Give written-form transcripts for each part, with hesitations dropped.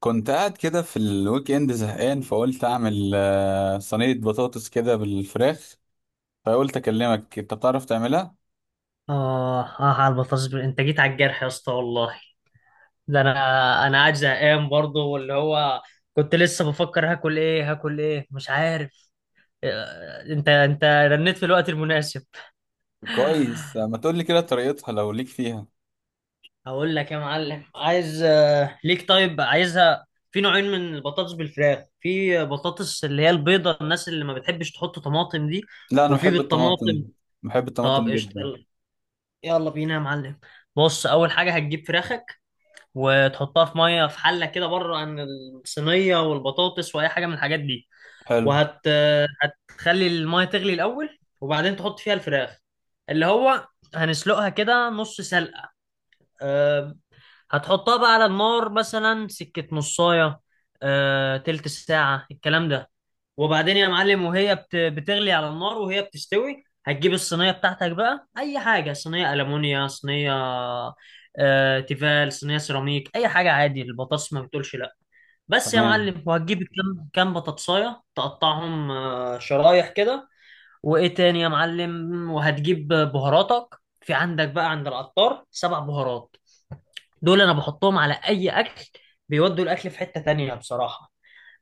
كنت قاعد كده في الويك اند زهقان فقلت اعمل صينية بطاطس كده بالفراخ. فقلت اكلمك انت بتعرف تعملها. آه آه، على البطاطس أنت جيت على الجرح يا اسطى والله. ده أنا، أنا قاعد زهقان برضه واللي هو كنت لسه بفكر هاكل إيه، هاكل إيه مش عارف. أنت رنيت في الوقت المناسب. كويس، ما تقول لي كده طريقتها لو ليك فيها. هقول لك يا معلم، عايز ليك. طيب عايزها في نوعين من البطاطس بالفراخ، في بطاطس اللي هي البيضة، الناس اللي ما بتحبش تحط طماطم دي، لا، انا وفي بحب الطماطم، بالطماطم. بحب طب الطماطم قشطة، جدا. يلا، يلا بينا يا معلم. بص، أول حاجة هتجيب فراخك وتحطها في ميه في حله كده، بره عن الصينيه والبطاطس واي حاجه من الحاجات دي. حلو. وهت هتخلي الميه تغلي الاول، وبعدين تحط فيها الفراخ، اللي هو هنسلقها كده نص سلقه. أه، هتحطها بقى على النار مثلا سكه نصايه، تلت ساعه الكلام ده. وبعدين يا معلم وهي بتغلي على النار وهي بتستوي، هتجيب الصينية بتاعتك بقى، أي حاجة، صينية ألمونيا، صينية تيفال، صينية سيراميك، أي حاجة عادي، البطاطس ما بتقولش لأ. بس يا تمام. معلم، وهتجيب كام كام بطاطساية، تقطعهم شرايح كده. وإيه تاني يا معلم، وهتجيب بهاراتك، في عندك بقى عند العطار سبع بهارات، دول أنا بحطهم على أي أكل، بيودوا الأكل في حتة تانية بصراحة.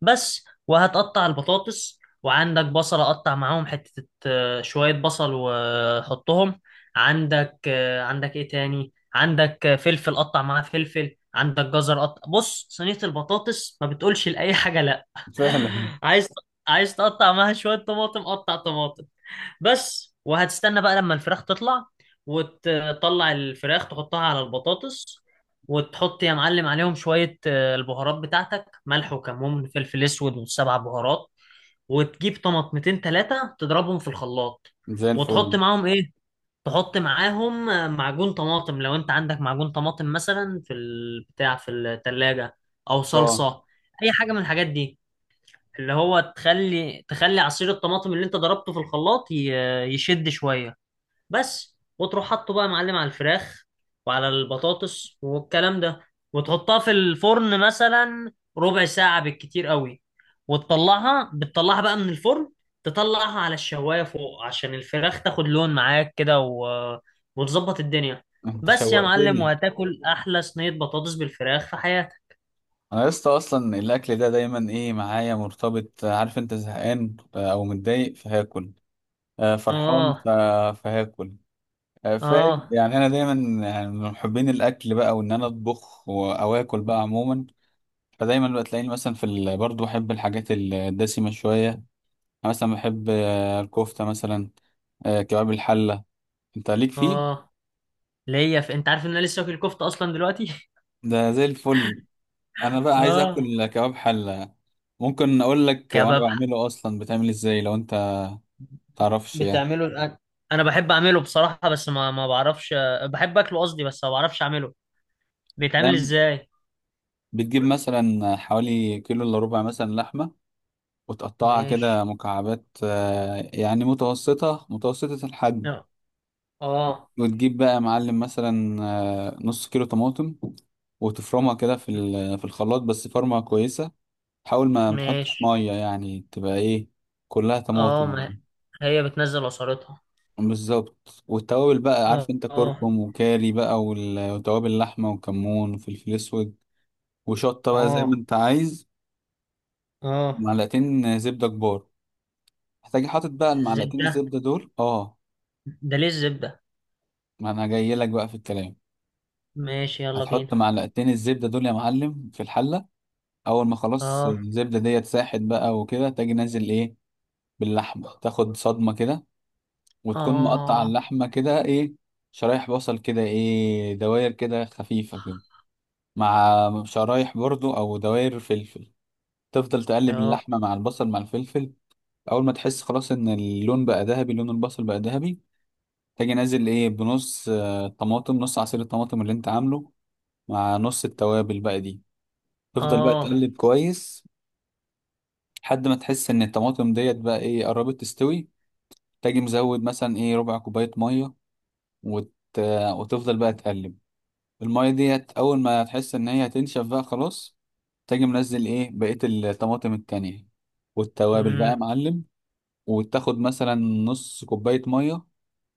بس وهتقطع البطاطس، وعندك بصلة قطع معاهم حتة، شوية بصل وحطهم. عندك عندك ايه تاني، عندك فلفل، قطع معاه فلفل، عندك جزر قطع. بص، صينية البطاطس ما بتقولش لأي حاجة لا. فعلا. عايز، عايز تقطع معاها شوية طماطم، قطع طماطم. بس وهتستنى بقى لما الفراخ تطلع، وتطلع الفراخ تحطها على البطاطس، وتحط يا معلم عليهم شوية البهارات بتاعتك، ملح وكمون فلفل اسود وسبع بهارات. وتجيب طماطمتين تلاتة، تضربهم في الخلاط، زي وتحط الفل. معاهم ايه، تحط معاهم معجون طماطم، لو انت عندك معجون طماطم مثلا في البتاع في التلاجة، او اه، صلصة، اي حاجة من الحاجات دي، اللي هو تخلي عصير الطماطم اللي انت ضربته في الخلاط يشد شوية. بس وتروح حاطه بقى يا معلم على الفراخ وعلى البطاطس والكلام ده، وتحطها في الفرن مثلا ربع ساعة بالكتير قوي. وتطلعها، بتطلعها بقى من الفرن، تطلعها على الشواية فوق عشان الفراخ تاخد لون معاك كده وتظبط الدنيا. انت بس يا معلم، شوقتني. وهتاكل احلى صينية بطاطس بالفراخ في حياتك. انا لسه اصلا الاكل ده دايما ايه معايا مرتبط، عارف انت زهقان او متضايق فهاكل، فرحان اه. فهاكل. فاهم اه. يعني انا دايما يعني من محبين الاكل بقى، وان انا اطبخ او اكل بقى عموما. فدايما بقى تلاقيني مثلا في برضه بحب الحاجات الدسمه شويه. أنا مثلا بحب الكفته مثلا، كباب الحله. انت ليك فيه؟ اه، ليا في، انت عارف ان انا لسه واكل كفته اصلا دلوقتي. ده زي الفل. انا بقى عايز اه. اكل كباب حله. ممكن اقول لك وانا كباب. بعمله اصلا، بتعمل ازاي لو انت تعرفش يعني؟ بتعمله الآن. انا بحب اعمله بصراحه، بس ما بعرفش، بحب اكله قصدي، بس ما بعرفش اعمله، بيتعمل ده ازاي؟ بتجيب مثلا حوالي كيلو الا ربع مثلا لحمه وتقطعها كده ماشي. مكعبات، يعني متوسطه متوسطه الحجم. لا، اه. وتجيب بقى يا معلم مثلا نص كيلو طماطم وتفرمها كده في في الخلاط بس فرمة كويسة. حاول ما تحطش ماشي. مية، يعني تبقى ايه، كلها اه، طماطم ما يعني. هي بتنزل عصارتها. بالظبط، والتوابل بقى اه عارف انت اه. كركم وكاري بقى وتوابل اللحمة وكمون وفلفل اسود وشطة بقى زي ما اه انت عايز. اه. معلقتين زبدة كبار. هتجي حاطط بقى المعلقتين زبده، الزبدة دول. اه، ده ليه الزبده؟ ما انا جاي لك بقى في الكلام. ماشي يلا هتحط بينا. معلقتين الزبدة دول يا معلم في الحلة. اول ما خلاص اه. الزبده ديت ساحت بقى وكده، تاجي نازل ايه باللحمه، تاخد صدمه كده. وتكون مقطع اه. اللحمه كده ايه، شرايح، بصل كده ايه دواير كده خفيفه كده، مع شرايح برضو او دواير فلفل. تفضل تقلب اه. اللحمه مع البصل مع الفلفل. اول ما تحس خلاص ان اللون بقى ذهبي، لون البصل بقى ذهبي، تاجي نازل ايه بنص طماطم، نص عصير الطماطم اللي انت عامله مع نص التوابل بقى دي. تفضل بقى اه. تقلب كويس لحد ما تحس ان الطماطم ديت بقى ايه قربت تستوي. تاجي مزود مثلا ايه ربع كوباية مية وت... وتفضل بقى تقلب. المية ديت اول ما تحس ان هي هتنشف بقى خلاص، تاجي منزل ايه بقية الطماطم التانية والتوابل بقى يا امم. معلم. وتاخد مثلا نص كوباية مية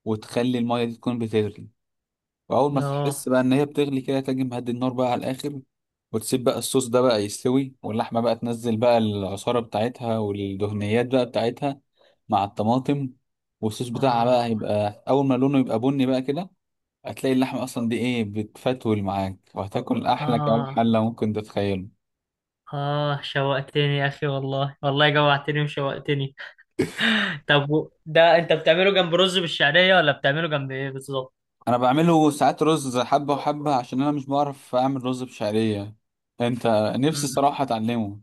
وتخلي المية دي تكون بتغلي. وأول ما اه. تحس بقى إن هي بتغلي كده، تاجي مهدي النار بقى على الآخر. وتسيب بقى الصوص ده بقى يستوي واللحمة بقى تنزل بقى العصارة بتاعتها والدهنيات بقى بتاعتها مع الطماطم. والصوص بتاعها بقى اه. هيبقى اول ما لونه يبقى بني بقى كده، هتلاقي اللحمه اصلا دي ايه بتفتول معاك وهتاكل احلى كباب اه حله ممكن تتخيله. آه شوقتني يا أخي، والله والله جوعتني وشوقتني. طب ده أنت بتعمله جنب رز بالشعرية، ولا بتعمله جنب إيه بالظبط؟ انا بعمله ساعات رز حبه وحبه عشان انا مش بعرف اعمل رز بشعريه. انت، نفسي صراحه اتعلمه.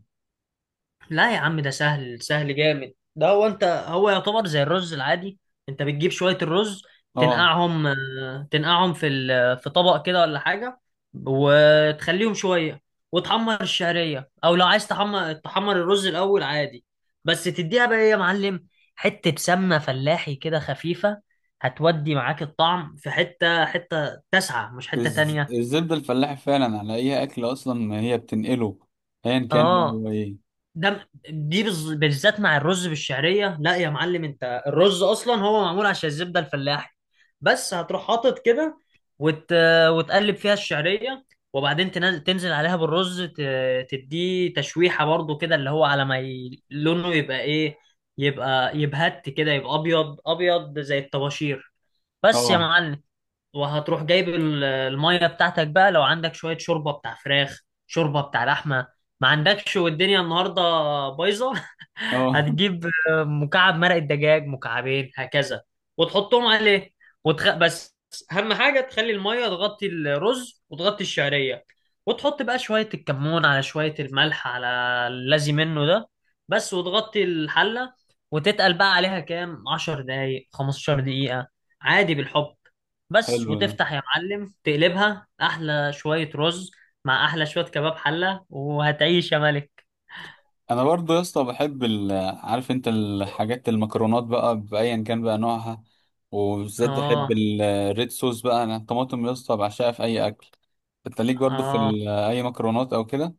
لا يا عم، ده سهل، سهل جامد، ده هو انت، هو يعتبر زي الرز العادي. انت بتجيب شوية الرز، اه، تنقعهم، تنقعهم في في طبق كده ولا حاجة، وتخليهم شوية. وتحمر الشعرية، او لو عايز تحمر، تحمر الرز الاول عادي. بس تديها بقى ايه يا معلم، حتة سمنة فلاحي كده خفيفة، هتودي معاك الطعم في حتة، حتة تسعة مش حتة تانية. الزبده الفلاحي فعلا على اي اكل اصلا هي بتنقله ايا كان بقى اه، هو ايه. ده دي بالذات مع الرز بالشعريه. لا يا معلم، انت الرز اصلا هو معمول عشان الزبده الفلاحي. بس هتروح حاطط كده، وت... وتقلب فيها الشعريه، وبعدين تنزل عليها بالرز، تديه تشويحه برضو كده، اللي هو على ما لونه يبقى ايه، يبقى يبهت كده، يبقى ابيض ابيض زي الطباشير. بس يا اه، معلم، وهتروح جايب الميه بتاعتك بقى، لو عندك شويه شوربه بتاع فراخ، شوربه بتاع لحمه، ما عندكش، والدنيا النهارده بايظه. اه. هتجيب مكعب مرق الدجاج، مكعبين هكذا، وتحطهم عليه. بس، اهم حاجه تخلي الميه تغطي الرز وتغطي الشعريه، وتحط بقى شويه الكمون على شويه الملح، على اللازم منه ده. بس وتغطي الحله، وتتقل بقى عليها كام 10 دقايق، 15 دقيقه، عادي بالحب. بس حلو ده. وتفتح يا معلم، تقلبها احلى شوية رز مع احلى شوية كباب حلة، وهتعيش يا ملك. انا برضو يا اسطى بحب عارف انت الحاجات المكرونات بقى بايا كان بقى نوعها. وبالذات بحب اه. الريد صوص بقى، انا الطماطم يا اسطى بعشقها في اي اكل. انت ليك برضو في اه، اي مكرونات او كده؟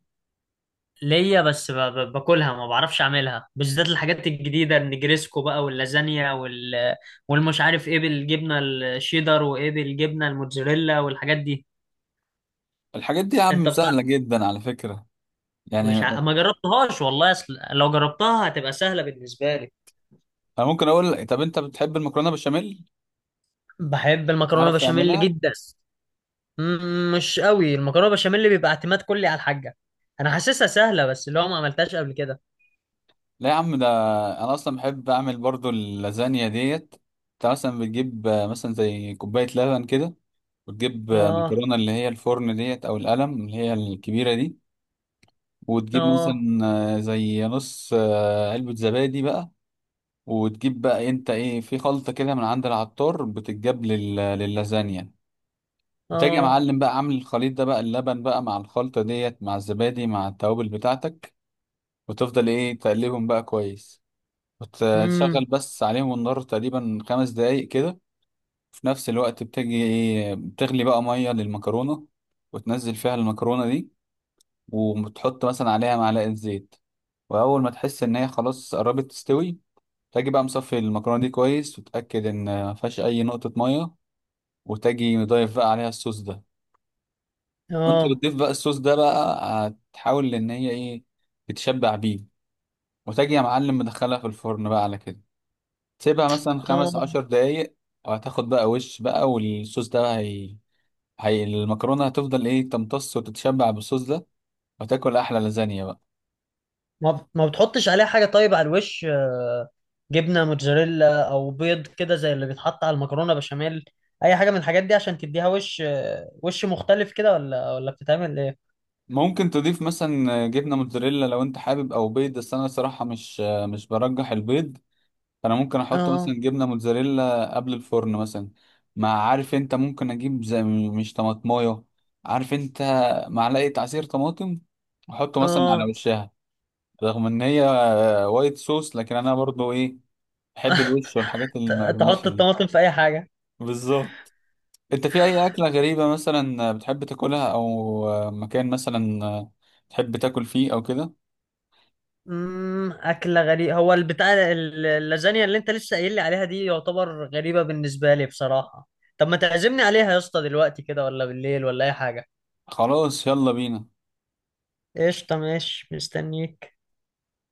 ليا، بس باكلها، ما بعرفش اعملها، بالذات الحاجات الجديدة، النجريسكو بقى واللازانيا وال، والمش عارف ايه بالجبنة الشيدر، وايه بالجبنة الموتزاريلا، والحاجات دي. الحاجات دي يا انت عم بتاع. سهله جدا على فكره. يعني مش ع... انا ما جربتهاش والله، اصل لو جربتها هتبقى سهلة بالنسبة لي. ممكن اقول، طب انت بتحب المكرونه بشاميل؟ بحب المكرونة تعرف بشاميل تعملها؟ جدا. مم، مش قوي، المكرونه بشاميل اللي بيبقى اعتماد كلي على الحاجه، انا حاسسها سهله، بس اللي هو ما عملتهاش قبل كده. لا يا عم، ده انا اصلا بحب اعمل برضو اللازانيا ديت. انت مثلا بتجيب مثلا زي كوبايه لبن كده وتجيب اه. مكرونة اللي هي الفرن ديت أو القلم اللي هي الكبيرة دي. وتجيب اه. مثلا زي نص علبة زبادي بقى. وتجيب بقى انت ايه في خلطة كده من عند العطار بتتجاب لللازانيا. بتيجي يا اه. معلم بقى عامل الخليط ده بقى اللبن بقى مع الخلطة ديت مع الزبادي مع التوابل بتاعتك. وتفضل ايه تقلبهم بقى كويس. وتشغل امم. بس عليهم النار تقريبا 5 دقايق كده. في نفس الوقت بتجي ايه بتغلي بقى مية للمكرونة وتنزل فيها المكرونة دي، وتحط مثلا عليها معلقة زيت. وأول ما تحس إن هي خلاص قربت تستوي، تاجي بقى مصفي المكرونة دي كويس وتأكد إن مفيهاش أي نقطة مية. وتاجي مضيف بقى عليها الصوص ده. وأنت اه. بتضيف بقى الصوص ده بقى، هتحاول إن هي إيه تتشبع بيه. وتاجي يا معلم مدخلها في الفرن بقى على كده، تسيبها مثلا خمس عشر اه. دقايق وهتاخد بقى وش بقى، والصوص ده هي المكرونة هتفضل إيه تمتص وتتشبع بالصوص ده، وتاكل أحلى لازانيا بقى. ما بتحطش عليها حاجه طيب على الوش، جبنه موتزاريلا او بيض كده زي اللي بيتحط على المكرونه بشاميل، اي حاجه من الحاجات دي عشان تديها وش، وش مختلف كده، ولا بتتعمل ايه؟ ممكن تضيف مثلا جبنه موتزاريلا لو انت حابب او بيض، بس انا صراحه مش برجح البيض. فانا ممكن احط اه. مثلا جبنه موتزاريلا قبل الفرن مثلا. مع عارف انت ممكن اجيب زي مش طماطمايه، عارف انت، معلقه عصير طماطم احطه مثلا على اه. وشها. رغم ان هي وايت صوص لكن انا برضو ايه بحب الوش والحاجات المقرمشه تحط دي. الطماطم في اي حاجه. بالظبط. انت في اي اكله غريبه مثلا بتحب تاكلها؟ او مكان مثلا تحب تاكل فيه او كده؟ امم، اكله غريبه، هو البتاع اللازانيا اللي انت لسه قايل لي عليها دي، يعتبر غريبه بالنسبه لي بصراحه. طب ما تعزمني عليها يا اسطى دلوقتي كده، ولا بالليل، ولا اي حاجه؟ خلاص، يلا بينا. قشطه، ماشي، مستنيك.